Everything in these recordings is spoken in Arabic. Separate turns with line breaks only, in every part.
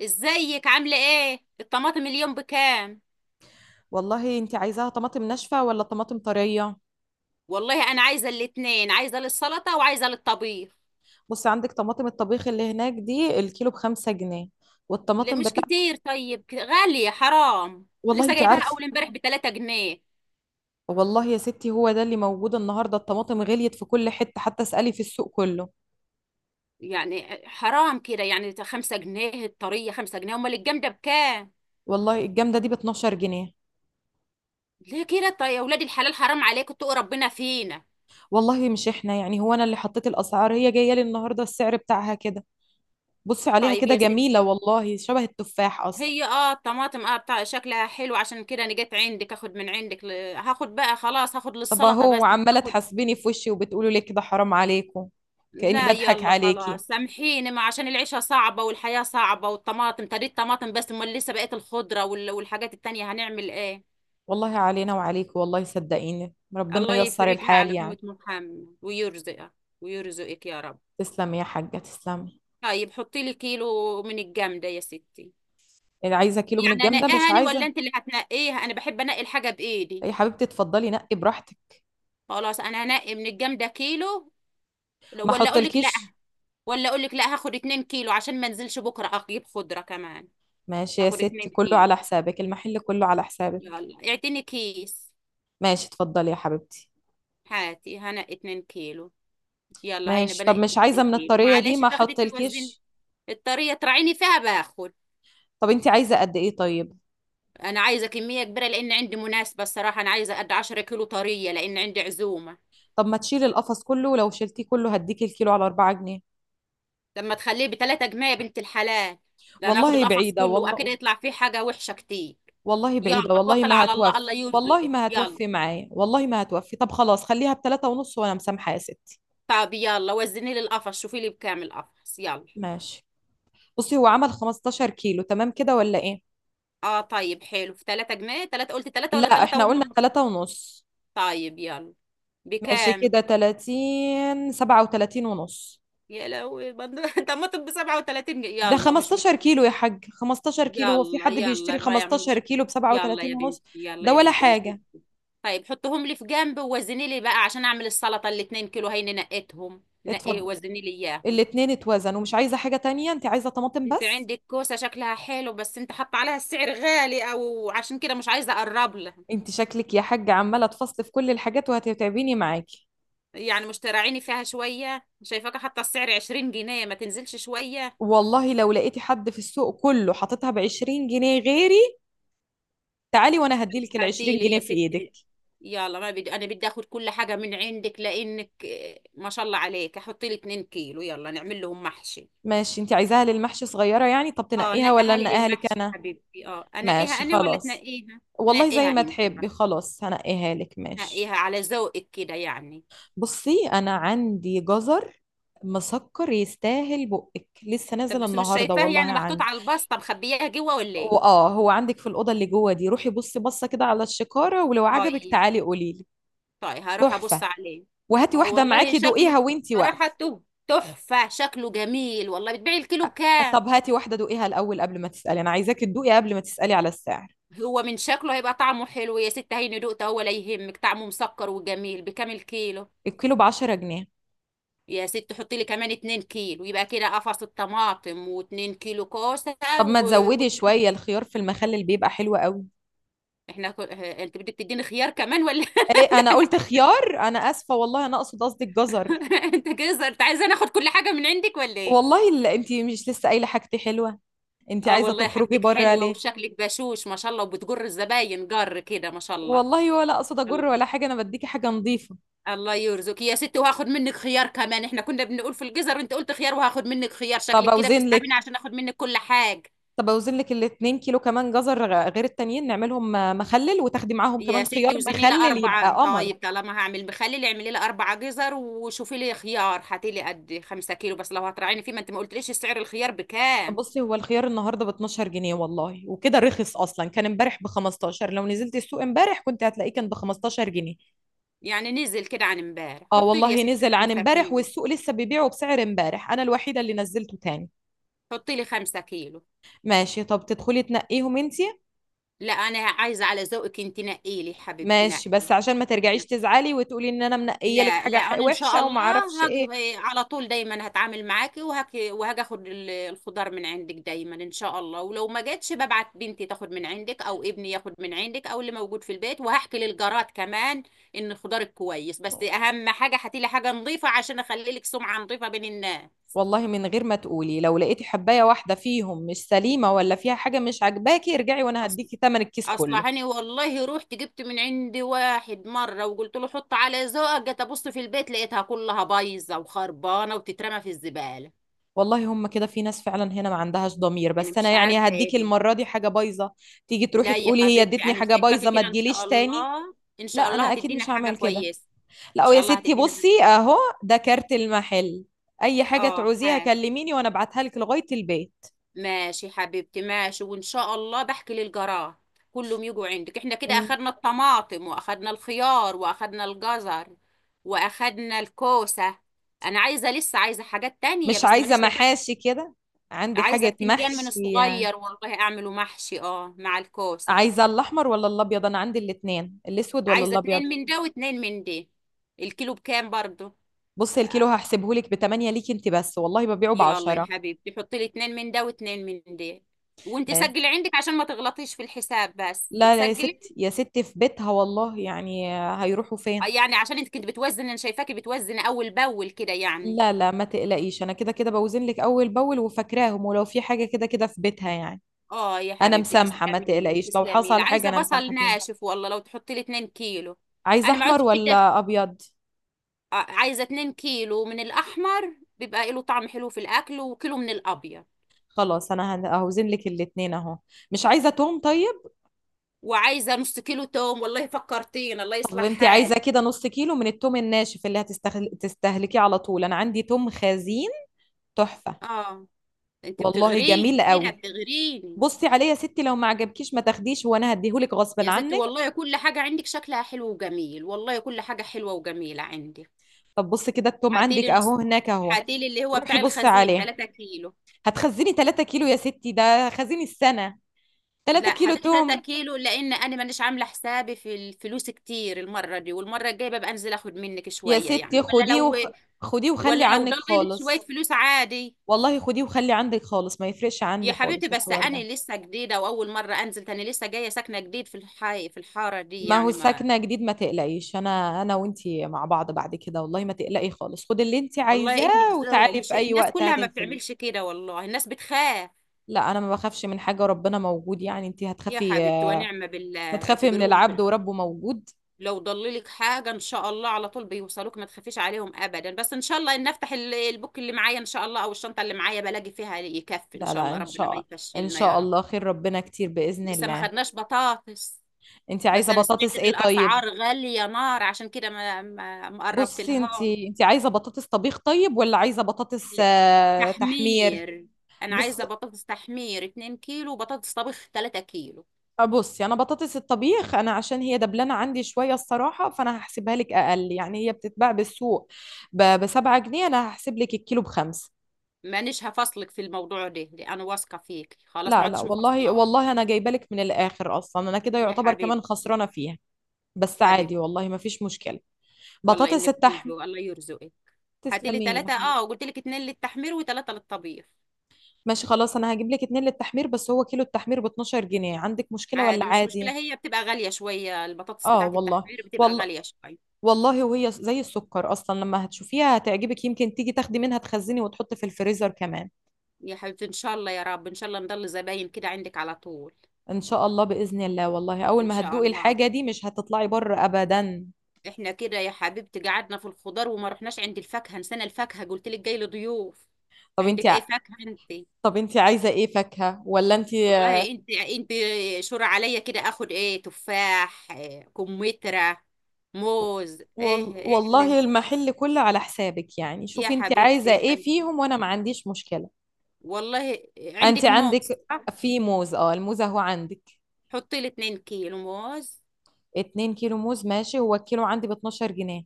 ازيك؟ عامله ايه؟ الطماطم اليوم بكام؟
والله انت عايزاها طماطم ناشفة ولا طماطم طرية؟
والله انا عايزه الاتنين، عايزه للسلطه وعايزه للطبيخ.
بصي، عندك طماطم الطبيخ اللي هناك دي الكيلو بخمسة جنيه.
لا،
والطماطم
مش
بتاعت...
كتير. طيب، غاليه، حرام.
والله
لسه
انت
جايباها
عارفة.
اول امبارح ب 3 جنيه.
والله يا ستي هو ده اللي موجود النهاردة، الطماطم غليت في كل حتة، حتى اسألي في السوق كله.
يعني حرام كده، يعني 5 جنيه الطريه، 5 جنيه، امال الجامده بكام؟
والله الجامدة دي ب 12 جنيه.
ليه كده؟ طيب يا ولاد الحلال، حرام عليكم، اتقوا ربنا فينا.
والله مش احنا، يعني هو انا اللي حطيت الاسعار؟ هي جاية لي النهاردة السعر بتاعها كده. بصي عليها
طيب
كده،
يا
جميلة
ستي.
والله، شبه التفاح اصلا.
هي الطماطم بتاع شكلها حلو، عشان كده انا جيت عندك اخد من عندك هاخد بقى. خلاص هاخد
طب
للسلطه بس.
اهو عمالة
هاخد.
تحاسبيني في وشي وبتقولوا لي كده حرام عليكم؟ كأني
لا،
بضحك
يلا
عليكي.
خلاص سامحيني، ما عشان العيشة صعبة والحياة صعبة والطماطم طريقة الطماطم، بس امال لسه بقية الخضرة والحاجات التانية، هنعمل ايه؟
والله علينا وعليك، والله صدقيني ربنا
الله
ييسر
يفرجها
الحال
على
يعني.
أمة محمد ويرزقها. ويرزقك يا رب.
تسلمي يا حاجة تسلمي.
طيب حطي لي كيلو من الجامدة يا ستي.
اللي عايزة كيلو من
يعني
الجمدة
انقيها
مش
أنا ولا
عايزة؟
انت اللي هتنقيها؟ انا بحب انقي الحاجة بايدي.
يا حبيبتي اتفضلي نقي براحتك،
خلاص، انا هنقي من الجامدة كيلو.
ما
ولا اقول لك لا.
احطلكيش.
ولا اقول لك لا، هاخد اتنين كيلو عشان ما انزلش بكرة اجيب خضرة كمان.
ماشي يا
هاخد
ستي،
اتنين
كله على
كيلو.
حسابك، المحل كله على حسابك.
يلا، اعتني كيس.
ماشي اتفضلي يا حبيبتي.
هاتي هنا 2 كيلو. يلا، هينا
ماشي، طب
بنقي
مش عايزة
2
من
كيلو.
الطرية دي؟
معلش
ما
تاخدي توزني.
احطلكيش.
الطرية تراعيني فيها باخد.
طب انت عايزة قد ايه طيب؟
انا عايزة كمية كبيرة لان عندي مناسبة. الصراحة انا عايزة قد 10 كيلو طرية لان عندي عزومة.
طب ما تشيلي القفص كله، ولو شلتيه كله هديكي الكيلو على 4 جنيه.
لما تخليه بتلاتة جنيه يا بنت الحلال. ده انا اخد
والله
القفص
بعيدة
كله واكيد
والله،
يطلع فيه حاجة وحشة كتير.
والله
يلا
بعيدة والله
توكل
ما
على الله. الله
هتوفي. والله
يرزقك،
ما
يلا.
هتوفي معايا، والله ما هتوفي. طب خلاص، خليها بتلاتة ونص وأنا مسامحة يا ستي.
طب يلا وزني لي القفص. شوفي لي بكام القفص يلا.
ماشي. بصي هو عمل 15 كيلو، تمام كده ولا إيه؟
اه طيب حلو، في 3 جنيه. 3 قلت 3 ولا
لا
3
إحنا قلنا
ونص؟
تلاتة ونص.
طيب يلا.
ماشي
بكام؟
كده، 30، 37 ونص.
يا لهوي! طب ما تبقى 37 جنيه
ده
يلا، مش
15
مشكلة.
كيلو يا حاج، 15 كيلو، هو في
يلا
حد بيشتري
يلا، ما يعني
15
مش.
كيلو ب
يلا
37
يا بنتي،
ونص؟
يلا
ده
يا
ولا
بنتي، مش مشكلة.
حاجة.
طيب حطهم لي في جنب ووزني لي بقى عشان اعمل السلطة. الاتنين كيلو هيني نقيتهم، نقي
اتفضل.
وزني لي اياهم.
الاتنين اتوزن، ومش عايزة حاجة تانية؟ انت عايزة طماطم
انت
بس؟
عندك كوسة شكلها حلو، بس انت حاطه عليها السعر غالي، او عشان كده مش عايزة اقرب لها.
انت شكلك يا حاج عمالة تفصل في كل الحاجات وهتتعبيني معاكي.
يعني مش تراعيني فيها شوية؟ شايفاك حاطه السعر 20 جنيه، ما تنزلش شوية؟
والله لو لقيتي حد في السوق كله حاططها ب 20 جنيه غيري، تعالي وانا هديلك ال
هاتي
20
لي
جنيه
يا
في ايدك.
ستي. يلا، ما بدي انا بدي اخذ كل حاجه من عندك لانك ما شاء الله عليك. احط لي 2 كيلو يلا نعمل لهم محشي.
ماشي، انت عايزاها للمحشي صغيره يعني؟ طب
اه
تنقيها ولا
نقيها لي
انقيها لك
للمحشي
انا؟
حبيبتي. اه انقيها
ماشي
انا ولا
خلاص.
تنقيها؟
والله زي
نقيها
ما
انت
تحبي،
بقى.
خلاص هنقيها لك، ماشي.
نقيها على ذوقك كده يعني.
بصي انا عندي جزر مسكر يستاهل بقك، لسه
طب
نازل
بس مش
النهارده
شايفاه،
والله
يعني محطوط
عندي.
على الباستا مخبياها جوه ولا ايه؟
واه هو عندك في الاوضه اللي جوه دي، روحي بصي، بصه كده على الشكاره، ولو عجبك
طيب.
تعالي قولي لي.
طيب هروح ابص
تحفه.
عليه.
وهاتي
اه
واحده
والله
معاكي
شكله،
دوقيها وانتي واقفه.
صراحه، تحفه. شكله جميل والله. بتبيعي الكيلو بكام؟
طب هاتي واحدة دوقيها الأول قبل ما تسألي، أنا عايزاكي تدوقي قبل ما تسألي على السعر.
هو من شكله هيبقى طعمه حلو يا ست. هيني دقته ولا يهمك، طعمه مسكر وجميل. بكام كيلو؟
الكيلو بعشرة جنيه.
يا ست حطي لي كمان 2 كيلو، يبقى كده قفص الطماطم و2 كيلو كوسه.
طب ما
و... و...
تزودي شوية الخيار في المخلل بيبقى حلو قوي.
احنا انت بدك تديني خيار كمان ولا؟
إيه أنا قلت خيار؟ أنا آسفة والله، أنا أقصد، قصدي الجزر.
انت كده انت عايزه ناخد كل حاجه من عندك ولا ايه؟
والله اللي أنت مش لسه قايلة حاجتي حلوة؟ أنت
اه
عايزة
والله
تخرجي
حاجتك
بره
حلوه
ليه؟
وشكلك بشوش ما شاء الله، وبتجر الزباين جر كده ما شاء الله.
والله ولا أقصد أجر ولا حاجة، أنا بديكي حاجة نظيفة.
الله يرزقك يا ستي، وهاخد منك خيار كمان. احنا كنا بنقول في الجزر وانت قلت خيار، وهاخد منك خيار.
طب
شكلك كده
أوزن
بتسحبيني
لك،
عشان اخد منك كل حاجة.
طب أوزن لك الاتنين كيلو كمان جزر غير التانيين نعملهم مخلل، وتاخدي معاهم
يا
كمان خيار
ستي وزنيلة
مخلل يبقى
4.
قمر.
طيب طالما هعمل مخلل اعملي لي 4 جزر، وشوفي لي خيار هاتي لي قد 5 كيلو بس لو هتراعيني فيه، ما انت ما قلتليش سعر الخيار بكام.
بصي هو الخيار النهارده ب 12 جنيه والله، وكده رخص اصلا، كان امبارح ب 15، لو نزلت السوق امبارح كنت هتلاقيه كان ب 15 جنيه.
يعني نزل كده عن امبارح.
اه
حطي لي يا
والله
ستي.
نزل عن
خمسة
امبارح،
كيلو
والسوق لسه بيبيعه بسعر امبارح، انا الوحيده اللي نزلته تاني.
حطي لي 5 كيلو.
ماشي، طب تدخلي تنقيهم انتي؟
لا، أنا عايزة على ذوقك، انت نقي لي حبيبتي، نقي.
ماشي،
نعم.
بس عشان ما ترجعيش تزعلي وتقولي ان انا منقيه لك
لا
حاجه
لا، انا ان شاء
وحشه
الله.
وما اعرفش
هاجي.
ايه.
على طول دايما هتعامل معاكي وهاجي وهاجي اخد الخضار من عندك دايما ان شاء الله، ولو ما جاتش ببعت بنتي تاخد من عندك او ابني ياخد من عندك او اللي موجود في البيت. وهحكي للجارات كمان ان الخضار كويس، بس اهم حاجه هاتي لي حاجه نظيفه عشان اخلي لك سمعه نظيفه بين الناس.
والله من غير ما تقولي، لو لقيتي حبايه واحده فيهم مش سليمه ولا فيها حاجه مش عاجباكي ارجعي وانا
اصل
هديكي تمن الكيس كله.
اصلا هاني والله رحت جبت من عندي واحد مره وقلت له حط على ذوقك، جيت ابص في البيت لقيتها كلها بايظه وخربانه وتترمى في الزباله.
والله هم كده، في ناس فعلا هنا ما عندهاش ضمير،
انا
بس انا
مش
يعني
عارفه
هديك
ايه دي.
المرة دي حاجة بايظة تيجي تروحي
لا يا
تقولي هي
حبيبتي،
ادتني
انا
حاجة
شايفاكي
بايظة ما
كده ان شاء
تجيليش تاني؟
الله. ان
لا
شاء الله
انا اكيد
هتدينا
مش
حاجه
هعمل كده.
كويسه. ان
لا
شاء
يا
الله
ستي،
هتدينا حاجة.
بصي اهو، ده كارت المحل، اي حاجة
اه،
تعوزيها
حاجه.
كلميني وانا ابعتها لك لغاية البيت.
ماشي حبيبتي ماشي. وان شاء الله بحكي للجراح كلهم يجوا عندك. احنا كده
م-
اخدنا الطماطم واخدنا الخيار واخدنا الجزر واخدنا الكوسه. انا عايزه، لسه عايزه حاجات تانية
مش
بس
عايزة
مانيش شايفه.
محاشي كده؟ عندي
عايزه
حاجة
بتنجان من
محشي يعني.
الصغير والله اعمله محشي، اه، مع الكوسه.
عايزة الاحمر ولا الابيض؟ انا عندي الاتنين، الاسود ولا
عايزه
الابيض؟
اتنين من ده واتنين من ده. الكيلو بكام برضو؟
بصي الكيلو هحسبهولك ب 8 ليكي انت بس، والله ببيعه ب
يلا يا
10.
حبيبتي، حطي لي اتنين من ده واتنين من ده. وانت سجلي عندك عشان ما تغلطيش في الحساب. بس
لا لا يا
بتسجلي؟
ستي، يا ستي في بيتها والله يعني، هيروحوا فين؟
يعني عشان انت كنت بتوزني، انا شايفاكي بتوزني اول باول كده يعني.
لا لا ما تقلقيش، انا كده كده بوزن لك اول باول وفاكراهم، ولو في حاجه كده كده في بيتها يعني.
اه يا
انا
حبيبتي،
مسامحه، ما
تسلمي لي
تقلقيش، لو
تسلمي لي.
حصل حاجه
عايزه
انا مسامحه
بصل
فيها.
ناشف والله، لو تحطي لي 2 كيلو.
عايزه
انا ما
احمر
عدتش بدي
ولا ابيض؟
عايزه 2 كيلو من الاحمر بيبقى له طعم حلو في الاكل، وكيلو من الابيض.
خلاص انا هوزن لك الاتنين اهو. مش عايزه توم طيب؟
وعايزه نص كيلو توم والله، فكرتين الله
طب
يصلح
انت عايزه
حالي.
كده نص كيلو من التوم الناشف اللي تستهلكيه على طول؟ انا عندي توم خزين، تحفه
اه، انت
والله،
بتغريني
جميل
كده
قوي.
بتغريني.
بصي عليه يا ستي، لو ما عجبكيش ما تاخديش، وانا هديهولك غصب
يا ستي
عنك.
والله كل حاجة عندك شكلها حلو وجميل، والله كل حاجة حلوة وجميلة عندك.
طب بص كده التوم عندك
هاتيلي
اهو
نص.
هناك اهو،
هاتيلي اللي هو
روحي
بتاع
بصي
الخزين
عليه.
3 كيلو.
هتخزني 3 كيلو يا ستي؟ ده خزيني السنة، 3
لا،
كيلو
هاتيلي 3
توم!
كيلو لأن أنا مانيش عاملة حسابي في الفلوس كتير المرة دي، والمرة الجاية ببقى أنزل أخد منك
يا
شوية يعني
ستي
ولا لو.
خديه وخلي
ولا لو
عنك
ضللت شوية
خالص.
فلوس عادي.
والله خديه وخلي عندك خالص، ما يفرقش عندي
يا حبيبتي
خالص
بس
الحوار ده.
أنا لسه جديدة وأول مرة أنزل تاني، لسه جاية ساكنة جديد في الحي في الحارة دي
ما هو
يعني ما.
ساكنة جديد، ما تقلقيش، انا انا وانتي مع بعض بعد كده، والله ما تقلقي خالص، خدي اللي انتي
والله إنك
عايزاه
زهق،
وتعالي في
مش
اي
الناس
وقت
كلها
هاتي
ما
الفلوس.
بتعملش كده، والله الناس بتخاف.
لا انا ما بخافش من حاجة، ربنا موجود، يعني انتي
يا
هتخافي؟
حبيبتي ونعم بالله
هتخافي من
اعتبريهم
العبد وربه موجود؟
لو ضللك حاجة ان شاء الله على طول بيوصلوك، ما تخافيش عليهم ابدا. بس ان شاء الله ان افتح البوك اللي معايا ان شاء الله او الشنطة اللي معايا بلاقي فيها يكفي ان
لا
شاء
لا
الله.
ان
ربنا ما
شاء ان
يفشلنا يا
شاء
رب.
الله خير، ربنا كتير باذن
لسه ما
الله.
خدناش بطاطس.
انت
بس
عايزه
انا سمعت
بطاطس
ان
ايه طيب؟
الاسعار غالية نار، عشان كده ما قربت
بصي، انت
لها.
انت عايزه بطاطس طبيخ طيب ولا عايزه بطاطس
لا،
آه، تحمير؟
تحمير. انا
بص
عايزة بطاطس تحمير 2 كيلو وبطاطس طبخ 3 كيلو.
آه، بصي انا بطاطس الطبيخ، انا عشان هي دبلانه عندي شويه الصراحه، فانا هحسبها لك اقل، يعني هي بتتباع بالسوق بسبعة جنيه، انا هحسب لك الكيلو بخمسة.
مانيش هفصلك في الموضوع ده، لأ، انا واثقة فيك خلاص ما
لا لا
عدتش
والله
مفصلة.
والله، انا جايبه لك من الاخر اصلا، انا كده
يا
يعتبر كمان
حبيبتي.
خسرانه فيها، بس عادي
حبيبتي.
والله ما فيش مشكله.
والله
بطاطس
انك كل
التحمير،
الذوق، الله يرزقك. هاتي لي
تسلمي لي.
3، اه، وقلت لك اتنين للتحمير وثلاثة للطبيخ.
ماشي خلاص، انا هجيب لك اتنين للتحمير، بس هو كيلو التحمير ب 12 جنيه، عندك مشكلة ولا
عادي مش
عادي؟
مشكلة، هي بتبقى غالية شوية، البطاطس
اه
بتاعة
والله،
التحمير بتبقى
والله،
غالية شوية.
والله. وهي زي السكر اصلا، لما هتشوفيها هتعجبك، يمكن تيجي تاخدي منها تخزني وتحطي في الفريزر كمان.
يا حبيبتي ان شاء الله يا رب، ان شاء الله نضل زباين كده عندك على طول.
ان شاء الله باذن الله، والله اول
ان
ما
شاء
هتدوقي
الله.
الحاجة دي مش هتطلعي بره ابدا.
احنا كده يا حبيبتي قعدنا في الخضار وما رحناش عند الفاكهة. نسينا الفاكهة، قلت لك جاي لي ضيوف.
طب انت
عندك اي
ع...
فاكهة انت؟
طب انت عايزة ايه فاكهة ولا انت...
والله انت شور عليا كده، اخد ايه؟ تفاح، إيه، كمثرى، موز، ايه ايه
والله
اللي.
المحل كله على حسابك يعني،
يا
شوفي انت
حبيبتي
عايزة
يا
ايه
حبيبتي.
فيهم وانا ما عنديش مشكلة.
والله
انت
عندك موز؟
عندك...
صح.
في موز، اه الموز اهو عندك.
حطي لي 2 كيلو موز.
2 كيلو موز، ماشي، هو الكيلو عندي ب 12 جنيه.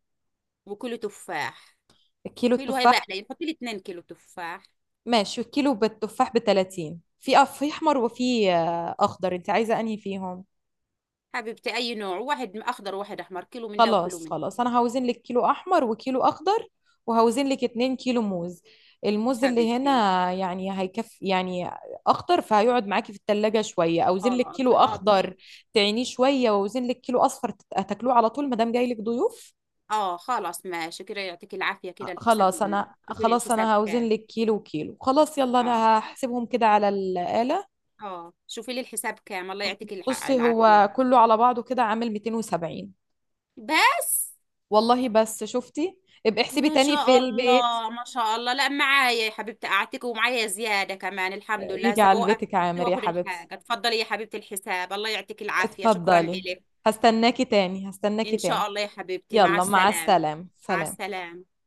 وكيلو تفاح.
الكيلو
كيلو هيبقى
التفاح،
قليل، حطي لي 2 كيلو تفاح.
ماشي، الكيلو بالتفاح ب 30، في في احمر وفي آه، اخضر، انت عايزه انهي فيهم؟
حبيبتي اي نوع. واحد اخضر وواحد احمر، كيلو من ده وكيلو
خلاص
من ده.
خلاص انا هوزن لك كيلو احمر وكيلو اخضر، وهوزن لك 2 كيلو موز. الموز اللي هنا،
حبيبتي.
يعني هيكفي يعني. اخضر فهيقعد معاكي في التلاجة شويه، اوزن لك
خلاص،
كيلو
اه،
اخضر تعينيه شويه، واوزن لك كيلو اصفر هتاكلوه على طول ما دام جاي لك ضيوف.
خلاص ماشي كده، يعطيك العافية. كده الحساب؟
خلاص انا،
شوفي لي
خلاص
الحساب
انا هوزن
كام؟
لك كيلو كيلو، خلاص يلا
اه.
انا هحسبهم كده على الآلة.
اه، شوفي لي الحساب كام. الله يعطيك
بصي
العافية.
هو كله على بعضه كده عامل 270.
بس.
والله بس، شفتي؟ ابقي احسبي
يا
تاني في
شاء
البيت.
الله، ما شاء الله، لا معايا يا حبيبتي قعدتك، ومعايا زيادة كمان الحمد لله،
يجي
هسه
على
بوقف.
بيتك عامر يا
واخد
حبيبتي،
الحاجة، اتفضلي يا حبيبتي الحساب. الله يعطيك العافية، شكرا
اتفضلي.
إلك.
هستناكي تاني هستناكي
إن
تاني.
شاء الله يا حبيبتي، مع
يلا مع
السلامة.
السلامة،
مع
سلام.
السلامة.